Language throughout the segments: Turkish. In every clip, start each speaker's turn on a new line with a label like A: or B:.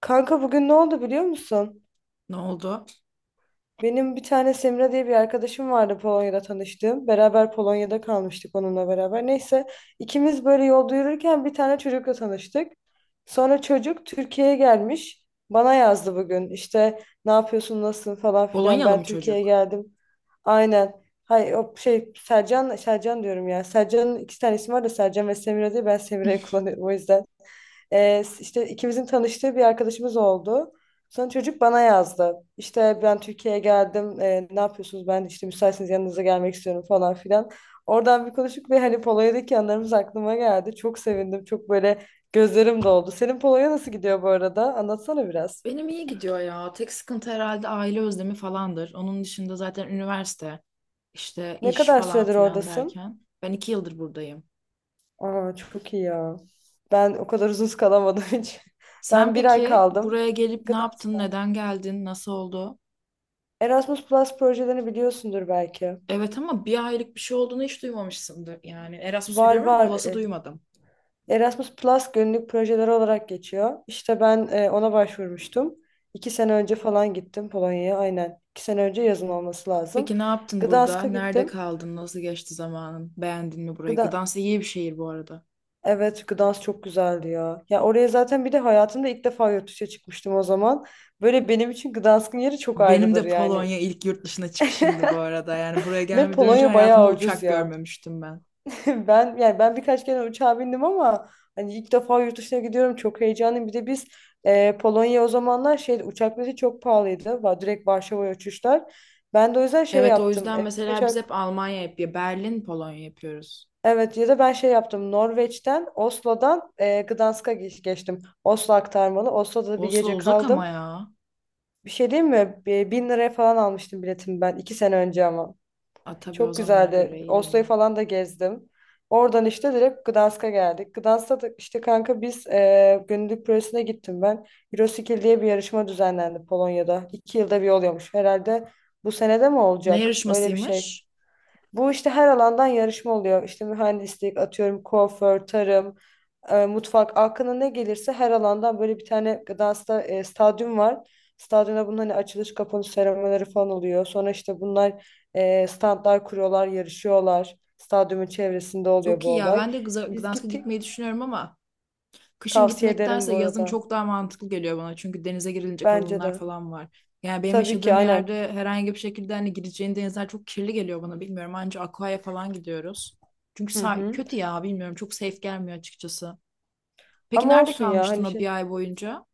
A: Kanka bugün ne oldu biliyor musun?
B: Ne oldu?
A: Benim bir tane Semra diye bir arkadaşım vardı Polonya'da tanıştığım. Beraber Polonya'da kalmıştık onunla beraber. Neyse ikimiz böyle yolda yürürken bir tane çocukla tanıştık. Sonra çocuk Türkiye'ye gelmiş. Bana yazdı bugün. İşte ne yapıyorsun, nasılsın falan filan,
B: Polonyalı
A: ben
B: mı
A: Türkiye'ye
B: çocuk?
A: geldim. Aynen. Hay o şey, Sercan, Sercan diyorum ya. Sercan'ın iki tane ismi var da, Sercan ve Semra diye ben Semra'yı kullanıyorum o yüzden. İşte ikimizin tanıştığı bir arkadaşımız oldu. Sonra çocuk bana yazdı. İşte ben Türkiye'ye geldim. Ne yapıyorsunuz? Ben işte müsaitseniz yanınıza gelmek istiyorum falan filan. Oradan bir konuştuk ve hani Polonya'daki anılarımız aklıma geldi. Çok sevindim. Çok böyle gözlerim doldu. Senin Polonya nasıl gidiyor bu arada? Anlatsana biraz.
B: Benim iyi gidiyor ya. Tek sıkıntı herhalde aile özlemi falandır. Onun dışında zaten üniversite, işte
A: Ne
B: iş
A: kadar
B: falan
A: süredir
B: filan
A: oradasın?
B: derken. Ben iki yıldır buradayım.
A: Aa, çok iyi ya. Ben o kadar uzun kalamadım hiç.
B: Sen
A: Ben bir ay
B: peki
A: kaldım.
B: buraya gelip ne
A: Gıda-
B: yaptın, neden geldin, nasıl oldu?
A: Erasmus Plus projelerini biliyorsundur belki.
B: Evet ama bir aylık bir şey olduğunu hiç duymamışsındır. Yani Erasmus
A: Var
B: biliyorum ama
A: var.
B: Plus'ı duymadım.
A: Erasmus Plus günlük projeler olarak geçiyor. İşte ben ona başvurmuştum. 2 sene önce falan gittim Polonya'ya. Aynen. İki sene önce yazın olması lazım.
B: Peki ne yaptın burada?
A: Gdansk'a
B: Nerede
A: gittim.
B: kaldın? Nasıl geçti zamanın? Beğendin mi burayı?
A: Gda
B: Gdansk iyi bir şehir bu arada.
A: evet, Gdansk çok güzeldi ya. Ya oraya zaten bir de hayatımda ilk defa yurt dışına çıkmıştım o zaman. Böyle benim için Gdansk'ın yeri çok
B: Benim
A: ayrıdır
B: de
A: yani.
B: Polonya ilk yurt dışına çıkışımdı bu arada. Yani buraya
A: Ve
B: gelmeden önce
A: Polonya
B: hayatımda
A: bayağı ucuz
B: uçak
A: ya.
B: görmemiştim ben.
A: Ben yani ben birkaç kere uçağa bindim ama hani ilk defa yurt dışına gidiyorum, çok heyecanlıyım. Bir de biz Polonya o zamanlar şey uçak bileti çok pahalıydı. Direkt Varşova'ya uçuşlar. Ben de o yüzden şey
B: Evet, o
A: yaptım.
B: yüzden mesela biz hep Almanya yapıyor. Berlin, Polonya yapıyoruz.
A: Evet, ya da ben şey yaptım. Norveç'ten, Oslo'dan Gdansk'a geçtim. Oslo aktarmalı. Oslo'da da bir
B: Oslo
A: gece
B: uzak ama
A: kaldım.
B: ya.
A: Bir şey diyeyim mi? 1000 liraya falan almıştım biletimi ben 2 sene önce ama.
B: A, tabii o
A: Çok
B: zamana göre
A: güzeldi.
B: iyi
A: Oslo'yu
B: yine.
A: falan da gezdim. Oradan işte direkt Gdansk'a geldik. Gdansk'ta da işte kanka biz Gönüllülük Projesi'ne gittim ben. Euroskill diye bir yarışma düzenlendi Polonya'da. 2 yılda bir oluyormuş. Herhalde bu senede mi
B: Ne
A: olacak? Öyle bir şey.
B: yarışmasıymış?
A: Bu işte her alandan yarışma oluyor. İşte mühendislik, atıyorum kuaför, tarım, mutfak, aklına ne gelirse her alandan, böyle bir tane stadyum var. Stadyumda bunun hani açılış kapanış seremonileri falan oluyor. Sonra işte bunlar standlar kuruyorlar, yarışıyorlar. Stadyumun çevresinde oluyor
B: Çok
A: bu
B: iyi ya.
A: olay.
B: Ben de
A: Biz
B: Gdansk'a
A: gittik.
B: gitmeyi düşünüyorum ama kışın
A: Tavsiye ederim
B: gitmektense
A: bu
B: yazın
A: arada.
B: çok daha mantıklı geliyor bana. Çünkü denize girilecek
A: Bence
B: alanlar
A: de.
B: falan var. Yani benim
A: Tabii ki,
B: yaşadığım
A: aynen.
B: yerde herhangi bir şekilde hani gireceğin denizler çok kirli geliyor bana, bilmiyorum. Anca Aqua'ya falan gidiyoruz. Çünkü
A: Hı hı.
B: kötü ya, bilmiyorum, çok safe gelmiyor açıkçası. Peki
A: Ama
B: nerede
A: olsun ya
B: kalmıştın
A: hani
B: o
A: şey.
B: bir ay boyunca?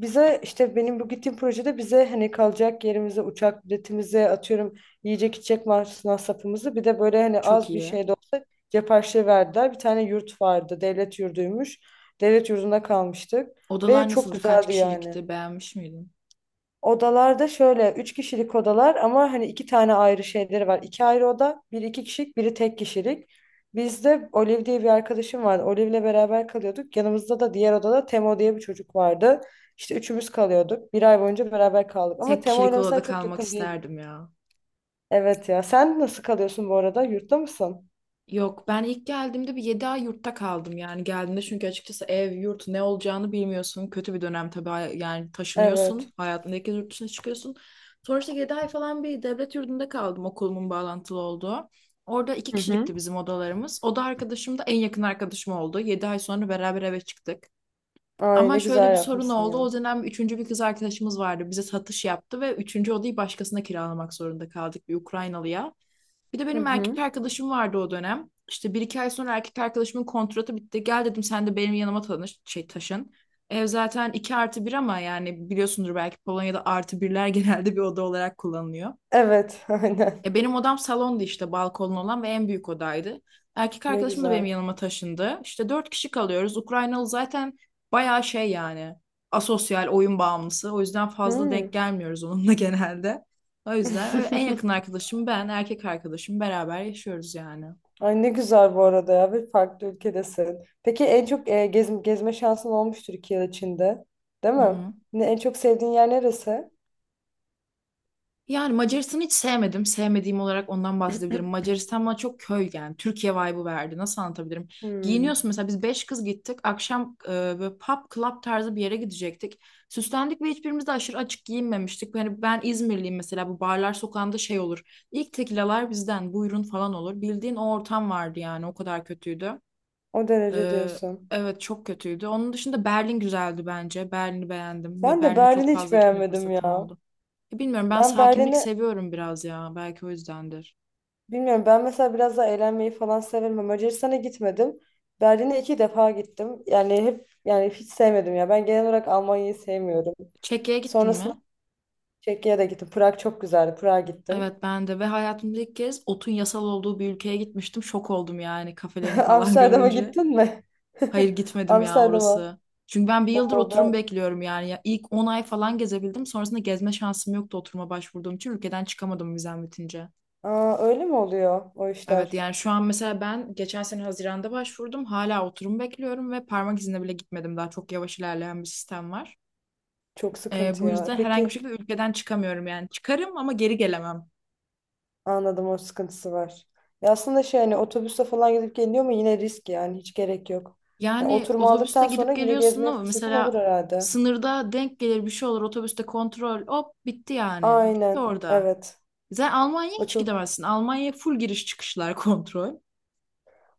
A: Bize işte, benim bu gittiğim projede, bize hani kalacak yerimize, uçak biletimize, atıyorum yiyecek içecek masrafımızı, bir de böyle hani
B: Çok
A: az bir
B: iyi.
A: şey de olsa cep harçlığı verdiler. Bir tane yurt vardı, devlet yurduymuş. Devlet yurdunda kalmıştık ve
B: Odalar
A: çok
B: nasıldı? Kaç
A: güzeldi yani.
B: kişilikti? Beğenmiş miydin?
A: Odalarda şöyle 3 kişilik odalar ama hani iki tane ayrı şeyleri var. İki ayrı oda, biri 2 kişilik, biri tek kişilik. Bizde Olive diye bir arkadaşım vardı. Olive'le beraber kalıyorduk. Yanımızda da diğer odada Temo diye bir çocuk vardı. İşte üçümüz kalıyorduk. Bir ay boyunca beraber kaldık. Ama
B: Tek
A: Temo
B: kişilik
A: ile
B: odada
A: mesela çok
B: kalmak
A: yakın değil.
B: isterdim ya.
A: Evet ya. Sen nasıl kalıyorsun bu arada? Yurtta mısın?
B: Yok, ben ilk geldiğimde bir 7 ay yurtta kaldım, yani geldiğimde, çünkü açıkçası ev yurt ne olacağını bilmiyorsun. Kötü bir dönem tabii. Yani taşınıyorsun,
A: Evet.
B: hayatındaki yurt dışına çıkıyorsun. Sonra işte 7 ay falan bir devlet yurdunda kaldım, okulumun bağlantılı olduğu. Orada iki kişilikti bizim odalarımız. Oda arkadaşım da en yakın arkadaşım oldu. 7 ay sonra beraber eve çıktık.
A: Ay
B: Ama
A: ne
B: şöyle
A: güzel
B: bir sorun
A: yapmışsın
B: oldu.
A: ya.
B: O dönem üçüncü bir kız arkadaşımız vardı. Bize satış yaptı ve üçüncü odayı başkasına kiralamak zorunda kaldık, bir Ukraynalıya. Bir de
A: Hı
B: benim erkek
A: hı.
B: arkadaşım vardı o dönem. İşte bir iki ay sonra erkek arkadaşımın kontratı bitti. Gel dedim, sen de benim yanıma tanış, şey, taşın. Ev zaten 2 artı bir ama yani biliyorsundur belki, Polonya'da artı birler genelde bir oda olarak kullanılıyor.
A: Evet, aynen.
B: E, benim odam salondu işte, balkonlu olan ve en büyük odaydı. Erkek
A: Ne
B: arkadaşım da benim
A: güzel.
B: yanıma taşındı. İşte dört kişi kalıyoruz. Ukraynalı zaten bayağı şey yani, asosyal, oyun bağımlısı. O yüzden fazla
A: Hı.
B: denk gelmiyoruz onunla genelde. O yüzden öyle, en yakın arkadaşım, ben, erkek arkadaşım beraber yaşıyoruz yani.
A: Ay ne güzel bu arada ya, bir farklı ülkedesin. Peki en çok gezme şansın olmuştur 2 yıl içinde, değil
B: Hı
A: mi?
B: hı.
A: Ne, en çok sevdiğin yer neresi?
B: Yani Macaristan'ı hiç sevmedim. Sevmediğim olarak ondan bahsedebilirim. Macaristan bana çok köy yani. Türkiye vibe'ı verdi. Nasıl anlatabilirim?
A: Hmm,
B: Giyiniyorsun mesela, biz beş kız gittik. Akşam böyle pub club tarzı bir yere gidecektik. Süslendik ve hiçbirimiz de aşırı açık giyinmemiştik. Yani ben İzmirliyim mesela, bu barlar sokağında şey olur. İlk tekilalar bizden, buyurun falan olur. Bildiğin o ortam vardı yani, o kadar kötüydü.
A: o derece
B: E,
A: diyorsun.
B: evet, çok kötüydü. Onun dışında Berlin güzeldi bence. Berlin'i beğendim ve
A: Ben de
B: Berlin'e çok
A: Berlin'i hiç
B: fazla gitme
A: beğenmedim
B: fırsatım
A: ya.
B: oldu. Bilmiyorum, ben
A: Ben
B: sakinlik
A: Berlin'i
B: seviyorum biraz ya. Belki o yüzdendir.
A: bilmiyorum. Ben mesela biraz daha eğlenmeyi falan severim. Ama Macaristan'a gitmedim. Berlin'e 2 defa gittim. Yani hep, yani hiç sevmedim ya. Ben genel olarak Almanya'yı sevmiyorum.
B: Çekya'ya gittin
A: Sonrasında
B: mi?
A: Çekya'ya da gittim. Prag çok güzeldi. Prag'a gittim.
B: Evet, ben de, ve hayatımda ilk kez otun yasal olduğu bir ülkeye gitmiştim. Şok oldum yani, kafelerini falan
A: Amsterdam'a
B: görünce.
A: gittin mi?
B: Hayır, gitmedim ya
A: Amsterdam'a.
B: orası. Çünkü ben bir yıldır
A: Oo
B: oturum
A: ben.
B: bekliyorum yani. Ya ilk 10 ay falan gezebildim. Sonrasında gezme şansım yoktu, oturuma başvurduğum için. Ülkeden çıkamadım vizem bitince.
A: Aa, öyle mi oluyor o
B: Evet,
A: işler?
B: yani şu an mesela ben geçen sene Haziran'da başvurdum. Hala oturum bekliyorum ve parmak izine bile gitmedim. Daha çok yavaş ilerleyen bir sistem var.
A: Çok sıkıntı
B: Bu
A: ya.
B: yüzden herhangi bir
A: Peki
B: şekilde ülkeden çıkamıyorum yani. Çıkarım ama geri gelemem.
A: anladım, o sıkıntısı var. Ya aslında şey hani otobüste falan gidip geliyor mu yine, risk yani, hiç gerek yok. Ya
B: Yani
A: oturma
B: otobüsle
A: aldıktan sonra
B: gidip
A: yine
B: geliyorsun
A: gezmeye
B: ama
A: fırsatın olur
B: mesela
A: herhalde.
B: sınırda denk gelir, bir şey olur otobüste, kontrol, hop, bitti yani. Bitti
A: Aynen.
B: orada.
A: Evet.
B: Sen Almanya'ya
A: O
B: hiç
A: çok.
B: gidemezsin. Almanya'ya full giriş çıkışlar kontrol.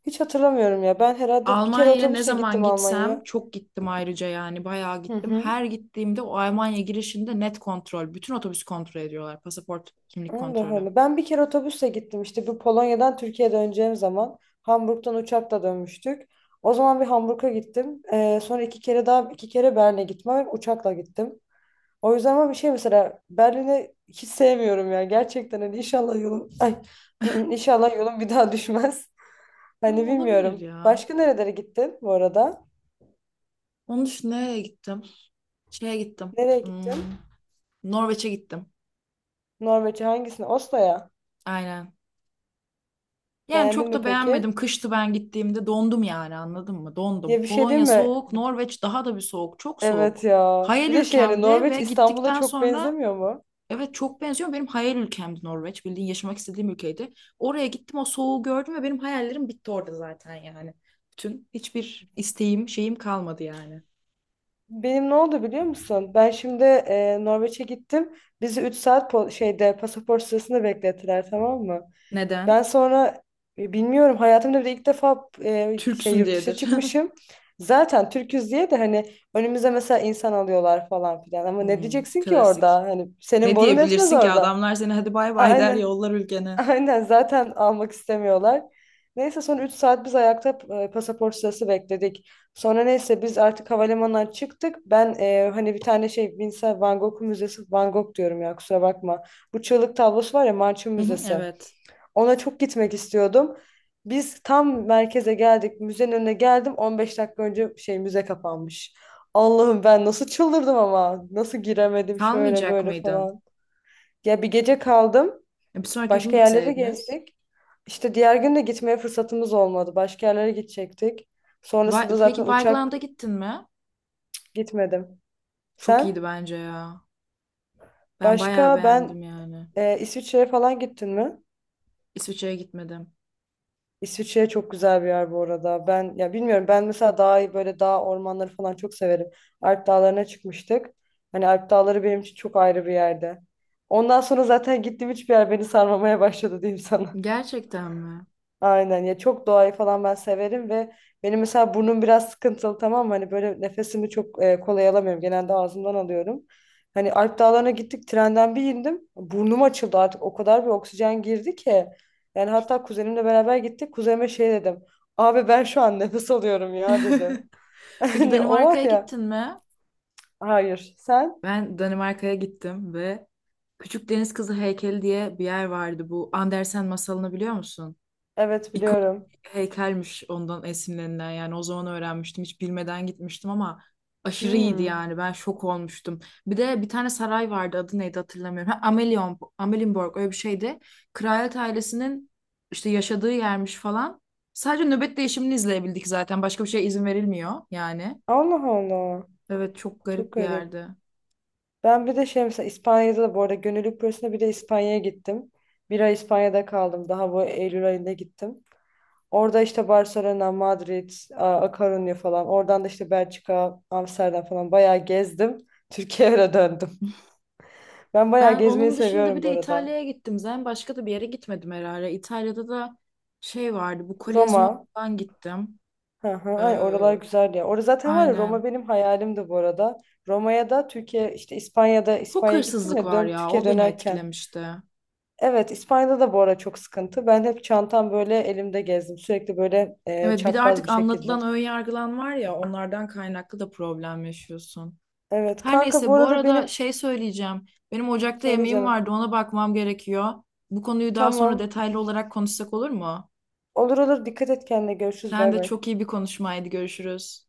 A: Hiç hatırlamıyorum ya. Ben herhalde bir kere
B: Almanya'ya ne
A: otobüse
B: zaman
A: gittim Almanya'ya.
B: gitsem, çok gittim ayrıca yani, bayağı
A: Hı
B: gittim.
A: hı.
B: Her gittiğimde o Almanya girişinde net kontrol. Bütün otobüs kontrol ediyorlar. Pasaport, kimlik
A: Allah
B: kontrolü.
A: Allah. Ben bir kere otobüsle gittim işte bu Polonya'dan Türkiye'ye döneceğim zaman. Hamburg'dan uçakla dönmüştük. O zaman bir Hamburg'a gittim. Sonra 2 kere daha, 2 kere Berlin'e gitmem. Uçakla gittim. O yüzden ama bir şey, mesela Berlin'i hiç sevmiyorum ya. Gerçekten hani inşallah yolum ay inşallah yolum bir daha düşmez.
B: Ha,
A: Hani
B: olabilir
A: bilmiyorum.
B: ya.
A: Başka nerelere gittin bu arada?
B: Onun için nereye gittim? Şeye gittim.
A: Nereye gittin?
B: Hmm. Norveç'e gittim.
A: Norveç'e hangisine? Oslo'ya.
B: Aynen. Yani
A: Beğendin
B: çok
A: mi
B: da
A: peki?
B: beğenmedim. Kıştı ben gittiğimde, dondum yani, anladın mı? Dondum.
A: Ya bir şey değil
B: Polonya
A: mi?
B: soğuk, Norveç daha da bir soğuk. Çok
A: Evet
B: soğuk.
A: ya.
B: Hayal
A: Bir de şey yani
B: ülkemdi
A: Norveç
B: ve
A: İstanbul'a
B: gittikten
A: çok
B: sonra
A: benzemiyor mu?
B: evet, çok benziyor. Benim hayal ülkemdi Norveç. Bildiğin yaşamak istediğim ülkeydi. Oraya gittim, o soğuğu gördüm ve benim hayallerim bitti orada zaten yani. Bütün hiçbir isteğim, şeyim kalmadı yani.
A: Benim ne oldu biliyor musun? Ben şimdi Norveç'e gittim. Bizi 3 saat şeyde pasaport sırasında beklettiler, tamam mı? Ben
B: Neden?
A: sonra bilmiyorum, hayatımda bir de ilk defa şey
B: Türksün
A: yurt dışına
B: diyedir.
A: çıkmışım. Zaten Türküz diye de hani önümüze mesela insan alıyorlar falan filan. Ama ne
B: Hmm,
A: diyeceksin ki orada?
B: klasik.
A: Hani senin
B: Ne
A: borun etmez
B: diyebilirsin ki,
A: orada.
B: adamlar seni hadi bay bay der,
A: Aynen.
B: yollar ülkene.
A: Aynen zaten almak istemiyorlar. Neyse son 3 saat biz ayakta pasaport sırası bekledik. Sonra neyse biz artık havalimanından çıktık. Ben hani bir tane şey Vincent Van Gogh Müzesi, Van Gogh diyorum ya, kusura bakma. Bu Çığlık tablosu var ya, Marçın
B: Hı hı,
A: Müzesi.
B: evet.
A: Ona çok gitmek istiyordum. Biz tam merkeze geldik. Müzenin önüne geldim. 15 dakika önce şey müze kapanmış. Allah'ım ben nasıl çıldırdım ama. Nasıl giremedim, şöyle
B: Kalmayacak
A: böyle
B: mıydın?
A: falan. Ya bir gece kaldım.
B: Bir sonraki gün
A: Başka yerleri
B: gitseydiniz.
A: gezdik. İşte diğer gün de gitmeye fırsatımız olmadı. Başka yerlere gidecektik. Sonrasında
B: Peki
A: zaten uçak
B: Vigeland'a gittin mi?
A: gitmedim.
B: Çok
A: Sen?
B: iyiydi bence ya. Ben bayağı
A: Başka
B: beğendim
A: ben
B: yani.
A: İsviçre'ye falan gittin mi?
B: İsviçre'ye gitmedim.
A: İsviçre çok güzel bir yer bu arada. Ben ya bilmiyorum, ben mesela daha böyle dağ ormanları falan çok severim. Alp dağlarına çıkmıştık. Hani Alp dağları benim için çok ayrı bir yerde. Ondan sonra zaten gittiğim hiçbir yer beni sarmamaya başladı diyeyim sana.
B: Gerçekten mi?
A: Aynen ya, çok doğayı falan ben severim ve benim mesela burnum biraz sıkıntılı, tamam mı? Hani böyle nefesimi çok kolay alamıyorum. Genelde ağzımdan alıyorum. Hani Alp Dağları'na gittik, trenden bir indim. Burnum açıldı, artık o kadar bir oksijen girdi ki. Yani hatta kuzenimle beraber gittik. Kuzenime şey dedim. Abi ben şu an nefes alıyorum ya dedim.
B: Peki
A: Hani o var
B: Danimarka'ya
A: ya.
B: gittin mi?
A: Hayır, sen?
B: Ben Danimarka'ya gittim ve Küçük Deniz Kızı Heykeli diye bir yer vardı. Bu Andersen masalını biliyor musun?
A: Evet biliyorum.
B: Heykelmiş ondan esinlenilen, yani o zaman öğrenmiştim, hiç bilmeden gitmiştim ama aşırı iyiydi
A: Hmm.
B: yani, ben şok olmuştum. Bir de bir tane saray vardı, adı neydi hatırlamıyorum. Ha, Amelion, Amelienborg öyle bir şeydi. Kraliyet ailesinin işte yaşadığı yermiş falan. Sadece nöbet değişimini izleyebildik, zaten başka bir şeye izin verilmiyor yani.
A: Allah Allah.
B: Evet, çok
A: Çok
B: garip bir
A: garip.
B: yerdi.
A: Ben bir de şey mesela İspanya'da da bu arada, gönüllülük projesinde bir de İspanya'ya gittim. Bir ay İspanya'da kaldım. Daha bu Eylül ayında gittim. Orada işte Barcelona, Madrid, A Coruña falan. Oradan da işte Belçika, Amsterdam falan bayağı gezdim. Türkiye'ye döndüm. Ben bayağı
B: Ben
A: gezmeyi
B: onun dışında bir
A: seviyorum bu
B: de
A: arada.
B: İtalya'ya gittim, zaten başka da bir yere gitmedim herhalde. İtalya'da da şey vardı, bu Kolezyum'a
A: Roma.
B: falan gittim.
A: Hı hı, ay oralar
B: Ee,
A: güzel ya. Orada zaten var ya,
B: Aynen.
A: Roma benim hayalimdi bu arada. Roma'ya da Türkiye işte İspanya'da
B: Çok
A: İspanya'ya gittim
B: hırsızlık
A: ya,
B: var ya,
A: Türkiye
B: o beni
A: dönerken.
B: etkilemişti.
A: Evet, İspanya'da da bu ara çok sıkıntı. Ben hep çantam böyle elimde gezdim. Sürekli böyle
B: Evet, bir de
A: çapraz
B: artık
A: bir
B: anlatılan
A: şekilde.
B: ön yargılan var ya, onlardan kaynaklı da problem yaşıyorsun.
A: Evet
B: Her
A: kanka bu
B: neyse, bu
A: arada
B: arada
A: benim...
B: şey söyleyeceğim. Benim ocakta
A: Söyle
B: yemeğim
A: canım.
B: vardı, ona bakmam gerekiyor. Bu konuyu daha sonra
A: Tamam.
B: detaylı olarak konuşsak olur mu?
A: Olur olur, dikkat et kendine. Görüşürüz,
B: Sen
A: bay
B: de,
A: bay.
B: çok iyi bir konuşmaydı, görüşürüz.